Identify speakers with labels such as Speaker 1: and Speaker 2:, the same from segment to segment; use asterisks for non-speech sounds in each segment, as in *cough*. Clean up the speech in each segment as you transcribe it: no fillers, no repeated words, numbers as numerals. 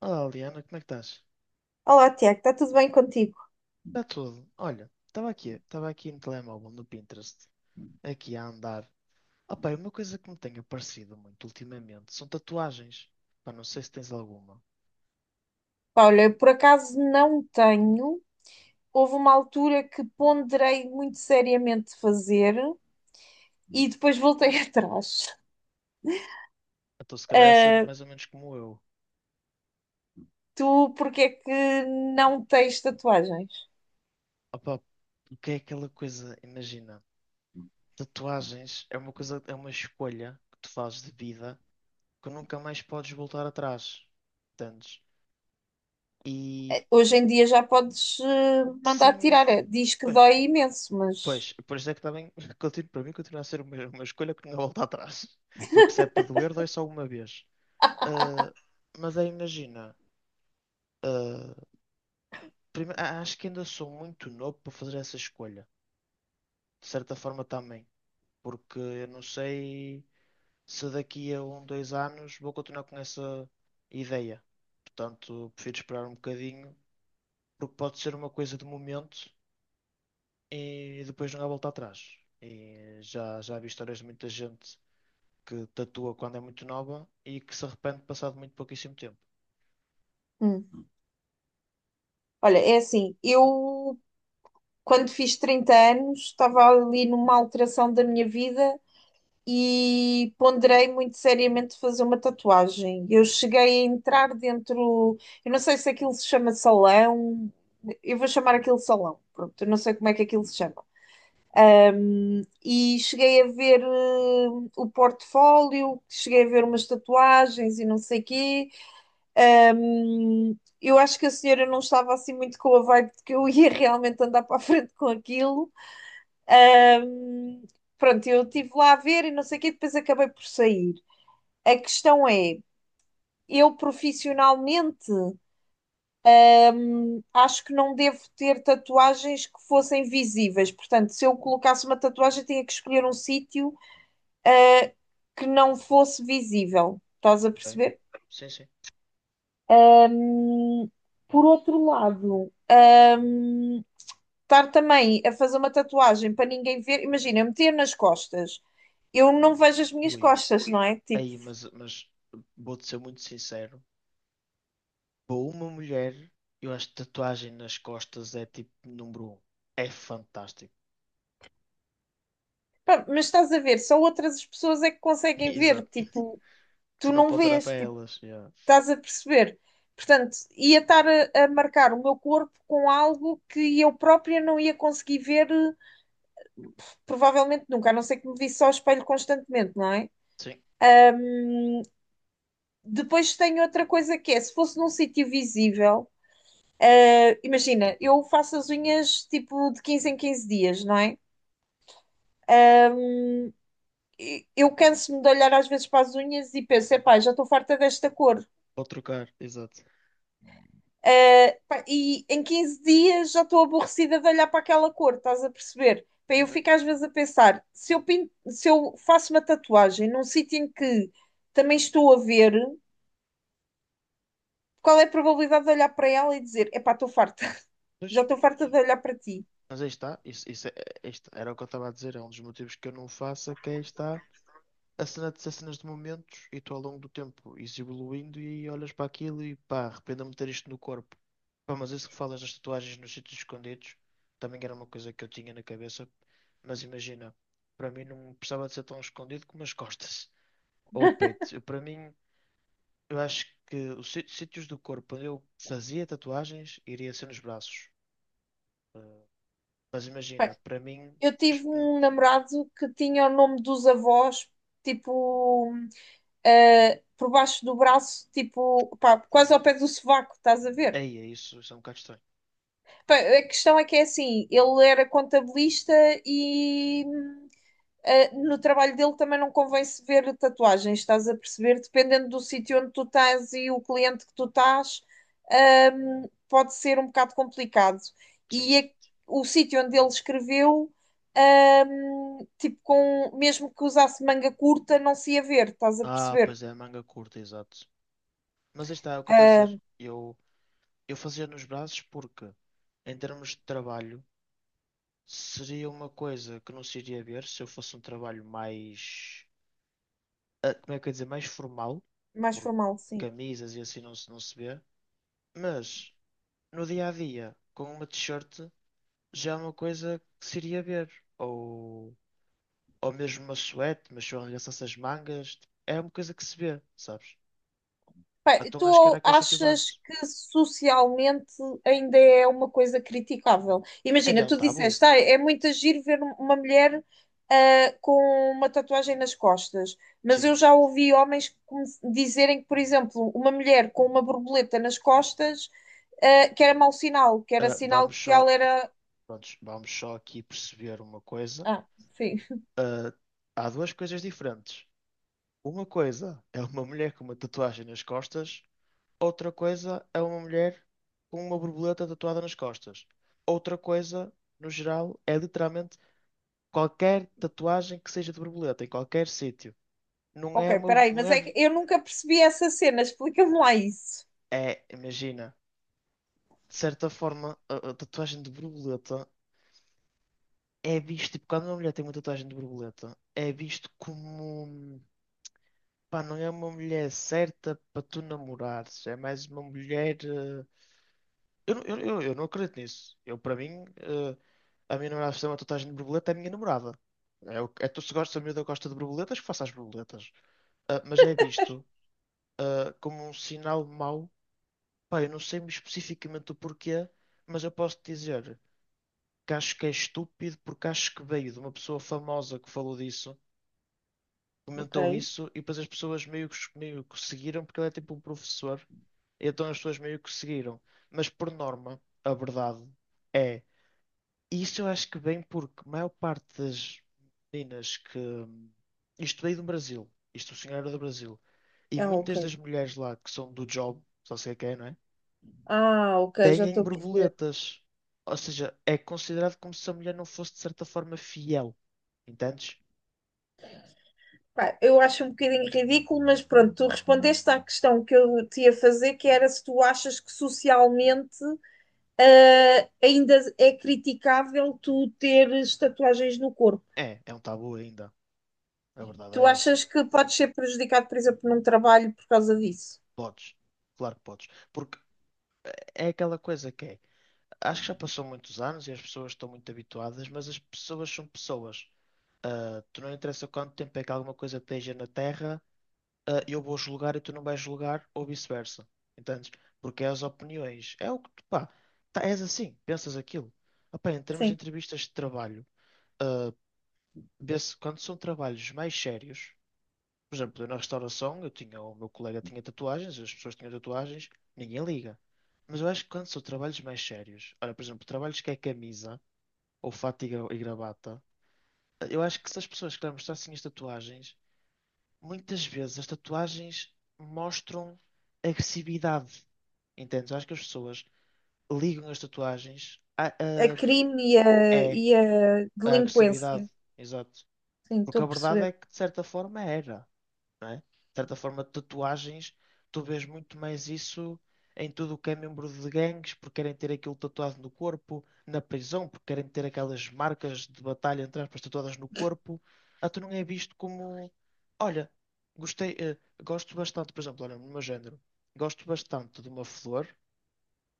Speaker 1: Olá, Liana, como é que estás?
Speaker 2: Olá, Tiago, está tudo bem contigo?
Speaker 1: Está tudo. Olha, estava aqui no telemóvel, no Pinterest, aqui a andar. Opa, uma coisa que me tem aparecido muito ultimamente são tatuagens. Pá, não sei se tens alguma.
Speaker 2: Pá, olha, por acaso não tenho. Houve uma altura que ponderei muito seriamente fazer e depois voltei *laughs* atrás.
Speaker 1: Então se calhar deve ser
Speaker 2: Ah,
Speaker 1: mais ou menos como eu.
Speaker 2: tu, porque é que não tens tatuagens?
Speaker 1: Opa, o que é aquela coisa, imagina, tatuagens é uma coisa, é uma escolha que tu fazes de vida que nunca mais podes voltar atrás. Entendes? E
Speaker 2: Hoje em dia já podes mandar
Speaker 1: sim.
Speaker 2: tirar. É, diz que dói imenso, mas.
Speaker 1: Pois, por isso é que também, *laughs* para mim, continua a ser uma escolha que não há volta atrás. *laughs* Porque se é para doer, dói só uma vez. Ah, mas aí imagina, ah, acho que ainda sou muito novo para fazer essa escolha. De certa forma também. Porque eu não sei se daqui a um, dois anos vou continuar com essa ideia. Portanto, prefiro esperar um bocadinho, porque pode ser uma coisa de momento e depois não há volta atrás. E já vi histórias de muita gente que tatua quando é muito nova e que se arrepende passado muito pouquíssimo tempo.
Speaker 2: Hum. Olha, é assim, eu quando fiz 30 anos estava ali numa alteração da minha vida e ponderei muito seriamente fazer uma tatuagem. Eu cheguei a entrar dentro, eu não sei se aquilo se chama salão, eu vou chamar aquilo salão, pronto, eu não sei como é que aquilo se chama. E cheguei a ver o portfólio, cheguei a ver umas tatuagens e não sei quê. Ahm, eu acho que a senhora não estava assim muito com a vibe de que eu *laughs* ia realmente andar para a frente com aquilo. Pronto, eu estive lá a ver e não sei o quê, depois acabei por sair. A questão é, eu profissionalmente acho que não devo ter tatuagens que fossem visíveis. Portanto, se eu colocasse uma tatuagem, tinha que escolher um sítio que não fosse visível. Estás a
Speaker 1: Ok?
Speaker 2: perceber?
Speaker 1: Sim, sim.
Speaker 2: Por outro lado, estar também a fazer uma tatuagem para ninguém ver, imagina, eu meter nas costas. Eu não vejo as minhas
Speaker 1: Ui.
Speaker 2: costas, não é? Tipo,
Speaker 1: Aí, mas vou-te ser muito sincero. Para uma mulher, eu acho que tatuagem nas costas é tipo número um. É fantástico.
Speaker 2: pá, mas estás a ver, só outras pessoas é que
Speaker 1: *laughs*
Speaker 2: conseguem ver,
Speaker 1: Exato.
Speaker 2: tipo,
Speaker 1: Tu
Speaker 2: tu
Speaker 1: não
Speaker 2: não
Speaker 1: podes olhar para
Speaker 2: vês, tipo,
Speaker 1: elas. Yeah.
Speaker 2: estás a perceber? Portanto, ia estar a marcar o meu corpo com algo que eu própria não ia conseguir ver, provavelmente nunca, a não ser que me visse ao espelho constantemente, não é?
Speaker 1: Sim,
Speaker 2: Depois tenho outra coisa que é, se fosse num sítio visível, imagina, eu faço as unhas tipo de 15 em 15 dias, não é? E eu canso-me de olhar às vezes para as unhas e penso, epá, já estou farta desta cor.
Speaker 1: pode trocar. Exato.
Speaker 2: Pá, e em 15 dias já estou aborrecida de olhar para aquela cor, estás a perceber? Pá, eu
Speaker 1: Uhum.
Speaker 2: fico às vezes a pensar, se eu, se eu faço uma tatuagem num sítio em que também estou a ver, qual é a probabilidade de olhar para ela e dizer, epá, estou farta, *laughs*
Speaker 1: Pois,
Speaker 2: já estou farta de olhar para ti.
Speaker 1: mas aí está. Isso é, isto era o que eu estava a dizer. É um dos motivos que eu não faço, é que aí está. A cena de ser cenas de momentos e tu ao longo do tempo ires evoluindo e olhas para aquilo e pá, arrependo-me de ter isto no corpo. Pá, mas isso que falas das tatuagens nos sítios escondidos também era uma coisa que eu tinha na cabeça, mas imagina, para mim não precisava de ser tão escondido como as costas *laughs* ou o peito. Eu, para mim, eu acho que os sítios do corpo onde eu fazia tatuagens iria ser nos braços. Ah, mas
Speaker 2: Bem,
Speaker 1: imagina, para mim,
Speaker 2: eu tive
Speaker 1: *sniffs* *tsk*
Speaker 2: um namorado que tinha o nome dos avós, tipo, por baixo do braço, tipo, pá, quase ao pé do sovaco, estás a ver?
Speaker 1: ei, é isso, isso é um bocado estranho.
Speaker 2: A questão é que é assim, ele era contabilista e no trabalho dele também não convém se ver tatuagens, estás a perceber? Dependendo do sítio onde tu estás e o cliente que tu estás, pode ser um bocado complicado.
Speaker 1: Sim.
Speaker 2: E a- o sítio onde ele escreveu, tipo, com, mesmo que usasse manga curta, não se ia ver, estás a
Speaker 1: Ah,
Speaker 2: perceber?
Speaker 1: pois é, manga curta, exato. Mas aí está, é o que eu estou a
Speaker 2: Ah,
Speaker 1: dizer. Eu fazia nos braços porque, em termos de trabalho, seria uma coisa que não se iria ver se eu fosse um trabalho mais, como é que eu ia dizer, mais formal,
Speaker 2: mais
Speaker 1: porque
Speaker 2: formal, sim.
Speaker 1: camisas e assim não se vê. Mas, no dia a dia, com uma t-shirt, já é uma coisa que se iria ver. Ou, ou mesmo uma suéte, mas se eu arregaçasse as mangas, é uma coisa que se vê, sabes?
Speaker 2: Bem,
Speaker 1: Então acho que era
Speaker 2: tu
Speaker 1: aquele sítio
Speaker 2: achas
Speaker 1: base.
Speaker 2: que socialmente ainda é uma coisa criticável?
Speaker 1: Ainda é
Speaker 2: Imagina,
Speaker 1: um
Speaker 2: tu
Speaker 1: tabu.
Speaker 2: disseste, ah, é muito giro ver uma mulher ah, com uma tatuagem nas costas, mas
Speaker 1: Sim.
Speaker 2: eu já ouvi homens dizerem que, por exemplo, uma mulher com uma borboleta nas costas ah, que era mau sinal, que era sinal
Speaker 1: Vamos
Speaker 2: de que ela
Speaker 1: só.
Speaker 2: era.
Speaker 1: Prontos, vamos só aqui perceber uma coisa.
Speaker 2: Ah, sim.
Speaker 1: Ah, há duas coisas diferentes. Uma coisa é uma mulher com uma tatuagem nas costas, outra coisa é uma mulher com uma borboleta tatuada nas costas. Outra coisa, no geral, é literalmente qualquer tatuagem que seja de borboleta, em qualquer sítio. Não é
Speaker 2: Ok,
Speaker 1: uma.
Speaker 2: peraí,
Speaker 1: Não
Speaker 2: mas
Speaker 1: é,
Speaker 2: é que eu nunca percebi essa cena, explica-me lá isso.
Speaker 1: é, imagina, de certa forma, a tatuagem de borboleta é visto, tipo, quando uma mulher tem uma tatuagem de borboleta, é visto como. Pá, não é uma mulher certa para tu namorares. É mais uma mulher. Eu não acredito nisso. Eu, para mim, a minha namorada fazer uma tatuagem de borboleta é a minha namorada. É, é tu se gosta, a miúda gosta de borboletas, que faça as borboletas. Ah, mas é visto, como um sinal mau. Pá, eu não sei especificamente o porquê, mas eu posso te dizer que acho que é estúpido porque acho que veio de uma pessoa famosa que falou disso.
Speaker 2: Ok.
Speaker 1: Comentou isso e depois as pessoas meio que seguiram, porque ele é tipo um professor, então as pessoas meio que seguiram. Mas por norma, a verdade é, e isso eu acho que vem porque a maior parte das meninas que. Isto veio do Brasil, isto o senhor era do Brasil, e
Speaker 2: Ah, ok.
Speaker 1: muitas das mulheres lá que são do job, só sei quem, não é?
Speaker 2: Ah, ok, já
Speaker 1: Têm
Speaker 2: estou a perceber.
Speaker 1: borboletas. Ou seja, é considerado como se a mulher não fosse de certa forma fiel. Entendes?
Speaker 2: Pá, eu acho um bocadinho ridículo, mas pronto, tu respondeste à questão que eu te ia fazer, que era se tu achas que socialmente ah, ainda é criticável tu teres tatuagens no corpo.
Speaker 1: É um tabu ainda. A verdade
Speaker 2: Tu
Speaker 1: é essa.
Speaker 2: achas que podes ser prejudicado, por exemplo, num trabalho por causa disso?
Speaker 1: Podes, claro que podes. Porque é aquela coisa que é. Acho que já passou muitos anos e as pessoas estão muito habituadas, mas as pessoas são pessoas. Ah, tu não interessa quanto tempo é que alguma coisa esteja na Terra, ah, eu vou julgar e tu não vais julgar, ou vice-versa. Entendes? Porque é as opiniões. É o que tu, pá, tá, és assim, pensas aquilo. Ah, pá, em termos de
Speaker 2: Sim.
Speaker 1: entrevistas de trabalho, ah, vê-se quando são trabalhos mais sérios. Por exemplo, eu na restauração, eu tinha, o meu colega tinha tatuagens, as pessoas tinham tatuagens, ninguém liga. Mas eu acho que quando são trabalhos mais sérios, olha, por exemplo, trabalhos que é camisa, ou fato e gravata, eu acho que se as pessoas querem mostrar assim as tatuagens, muitas vezes as tatuagens mostram agressividade. Entendes? Eu acho que as pessoas ligam as tatuagens a,
Speaker 2: A crime e a,
Speaker 1: é
Speaker 2: e a
Speaker 1: a
Speaker 2: delinquência.
Speaker 1: agressividade. Exato.
Speaker 2: Sim,
Speaker 1: Porque
Speaker 2: estou
Speaker 1: a
Speaker 2: a
Speaker 1: verdade
Speaker 2: perceber.
Speaker 1: é que, de certa forma, era. Não é? De certa forma, tatuagens, tu vês muito mais isso em tudo o que é membro de gangues, porque querem ter aquilo tatuado no corpo, na prisão, porque querem ter aquelas marcas de batalha, entre aspas, tatuadas no corpo. Ah, tu não é visto como, olha, gostei, gosto bastante, por exemplo, olha, no meu género, gosto bastante de uma flor.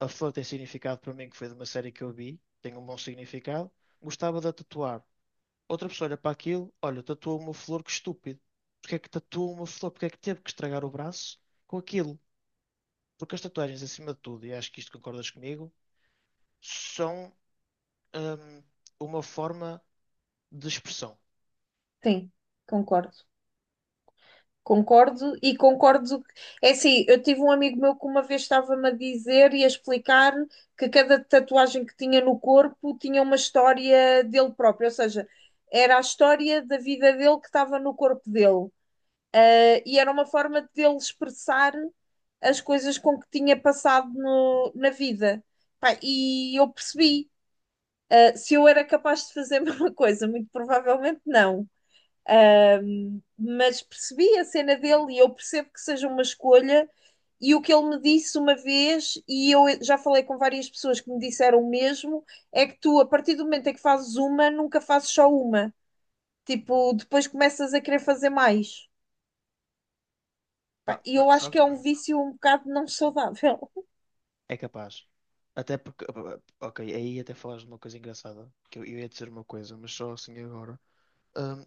Speaker 1: A flor tem significado para mim, que foi de uma série que eu vi, tem um bom significado. Gostava de a tatuar. Outra pessoa olha para aquilo, olha, tatuou uma flor, que estúpido. Porque é que tatuou uma flor? Porque é que teve que estragar o braço com aquilo? Porque as tatuagens, acima de tudo, e acho que isto concordas comigo, são hum, uma forma de expressão.
Speaker 2: Sim, concordo. Concordo e concordo. É assim, eu tive um amigo meu que uma vez estava-me a dizer e a explicar que cada tatuagem que tinha no corpo tinha uma história dele próprio, ou seja, era a história da vida dele que estava no corpo dele. E era uma forma de ele expressar as coisas com que tinha passado na vida. Pá, e eu percebi, se eu era capaz de fazer *laughs* a mesma coisa, muito provavelmente não. Mas percebi a cena dele e eu percebo que seja uma escolha. E o que ele me disse uma vez, e eu já falei com várias pessoas que me disseram o mesmo, é que tu, a partir do momento em que fazes uma, nunca fazes só uma. Tipo, depois começas a querer fazer mais. Pá,
Speaker 1: Pá,
Speaker 2: e eu
Speaker 1: mas
Speaker 2: acho que
Speaker 1: sabes?
Speaker 2: é um vício um bocado não saudável.
Speaker 1: É capaz. Até porque, ok, aí até falaste de uma coisa engraçada, que eu ia dizer uma coisa, mas só assim agora. Hum,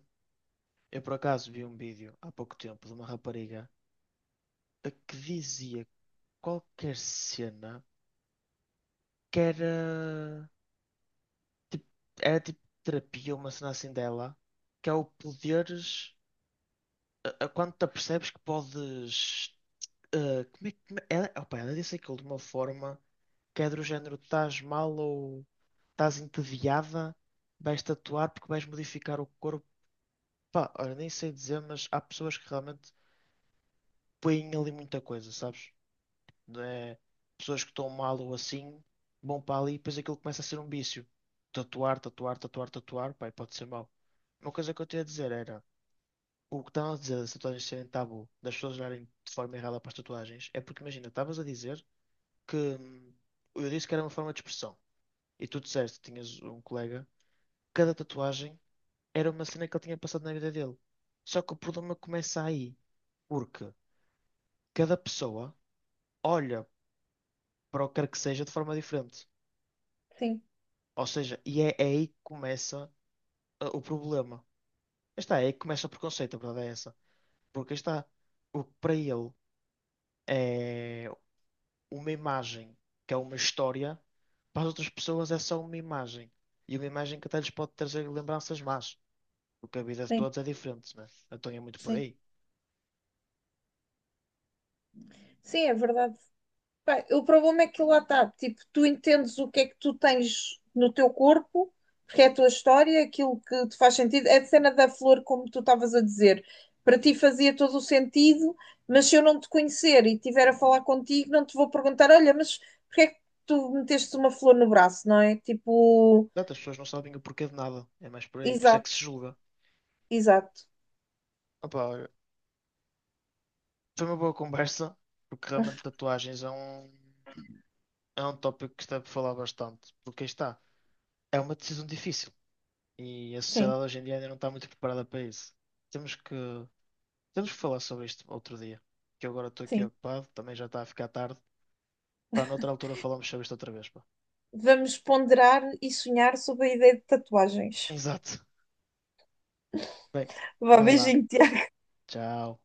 Speaker 1: eu por acaso vi um vídeo há pouco tempo de uma rapariga a que dizia qualquer cena que era. Tipo, era tipo terapia, uma cena assim dela, que é o poderes. A Quando te apercebes que podes. Como é, como é, ela, opa, ela disse aquilo de uma forma que é do género: estás mal ou estás entediada, vais tatuar porque vais modificar o corpo. Pá, olha, nem sei dizer, mas há pessoas que realmente põem ali muita coisa, sabes? Né, pessoas que estão mal ou assim, vão para ali e depois aquilo começa a ser um vício. Tatuar, tatuar, tatuar, tatuar, pai, pode ser mau. Uma coisa que eu tinha a dizer era, o que estavam a dizer das tatuagens serem tabu, das pessoas olharem de forma errada para as tatuagens, é porque imagina, estavas a dizer que eu disse que era uma forma de expressão. E tu disseste, tinhas um colega, cada tatuagem era uma cena que ele tinha passado na vida dele. Só que o problema começa aí, porque cada pessoa olha para o que quer que seja de forma diferente.
Speaker 2: *laughs* Sim,
Speaker 1: Ou seja, e é aí que começa o problema. Está, é aí que começa o preconceito, a verdade é essa. Porque está, o que para ele é uma imagem, que é uma história, para as outras pessoas é só uma imagem. E uma imagem que até lhes pode trazer lembranças más. Porque a vida de
Speaker 2: sim,
Speaker 1: todos é diferente, né? Então é muito por
Speaker 2: sim.
Speaker 1: aí.
Speaker 2: Sim, é verdade. Pá, o problema é que lá está, tipo, tu entendes o que é que tu tens no teu corpo, porque é a tua história, aquilo que te faz sentido. É a cena da flor, como tu estavas a dizer, para ti fazia todo o sentido, mas se eu não te conhecer e estiver a falar contigo, não te vou perguntar, olha, mas porque é que tu meteste uma flor no braço, não é? Tipo,
Speaker 1: Exato, as pessoas não sabem o porquê de nada. É mais por aí. Por isso é que se
Speaker 2: exato,
Speaker 1: julga.
Speaker 2: exato.
Speaker 1: Opa, olha, foi uma boa conversa, porque realmente tatuagens é um tópico que está para falar bastante. Porque aí está, é uma decisão difícil. E a
Speaker 2: Sim,
Speaker 1: sociedade hoje em dia ainda não está muito preparada para isso. Temos que, temos que falar sobre isto outro dia. Que eu agora estou aqui
Speaker 2: sim.
Speaker 1: ocupado, também já está a ficar tarde. Pá, noutra altura falamos sobre isto outra vez, pá.
Speaker 2: Vamos ponderar e sonhar sobre a ideia de tatuagens.
Speaker 1: Exato. Bem,
Speaker 2: Vá,
Speaker 1: vai lá.
Speaker 2: beijinho,
Speaker 1: Tchau.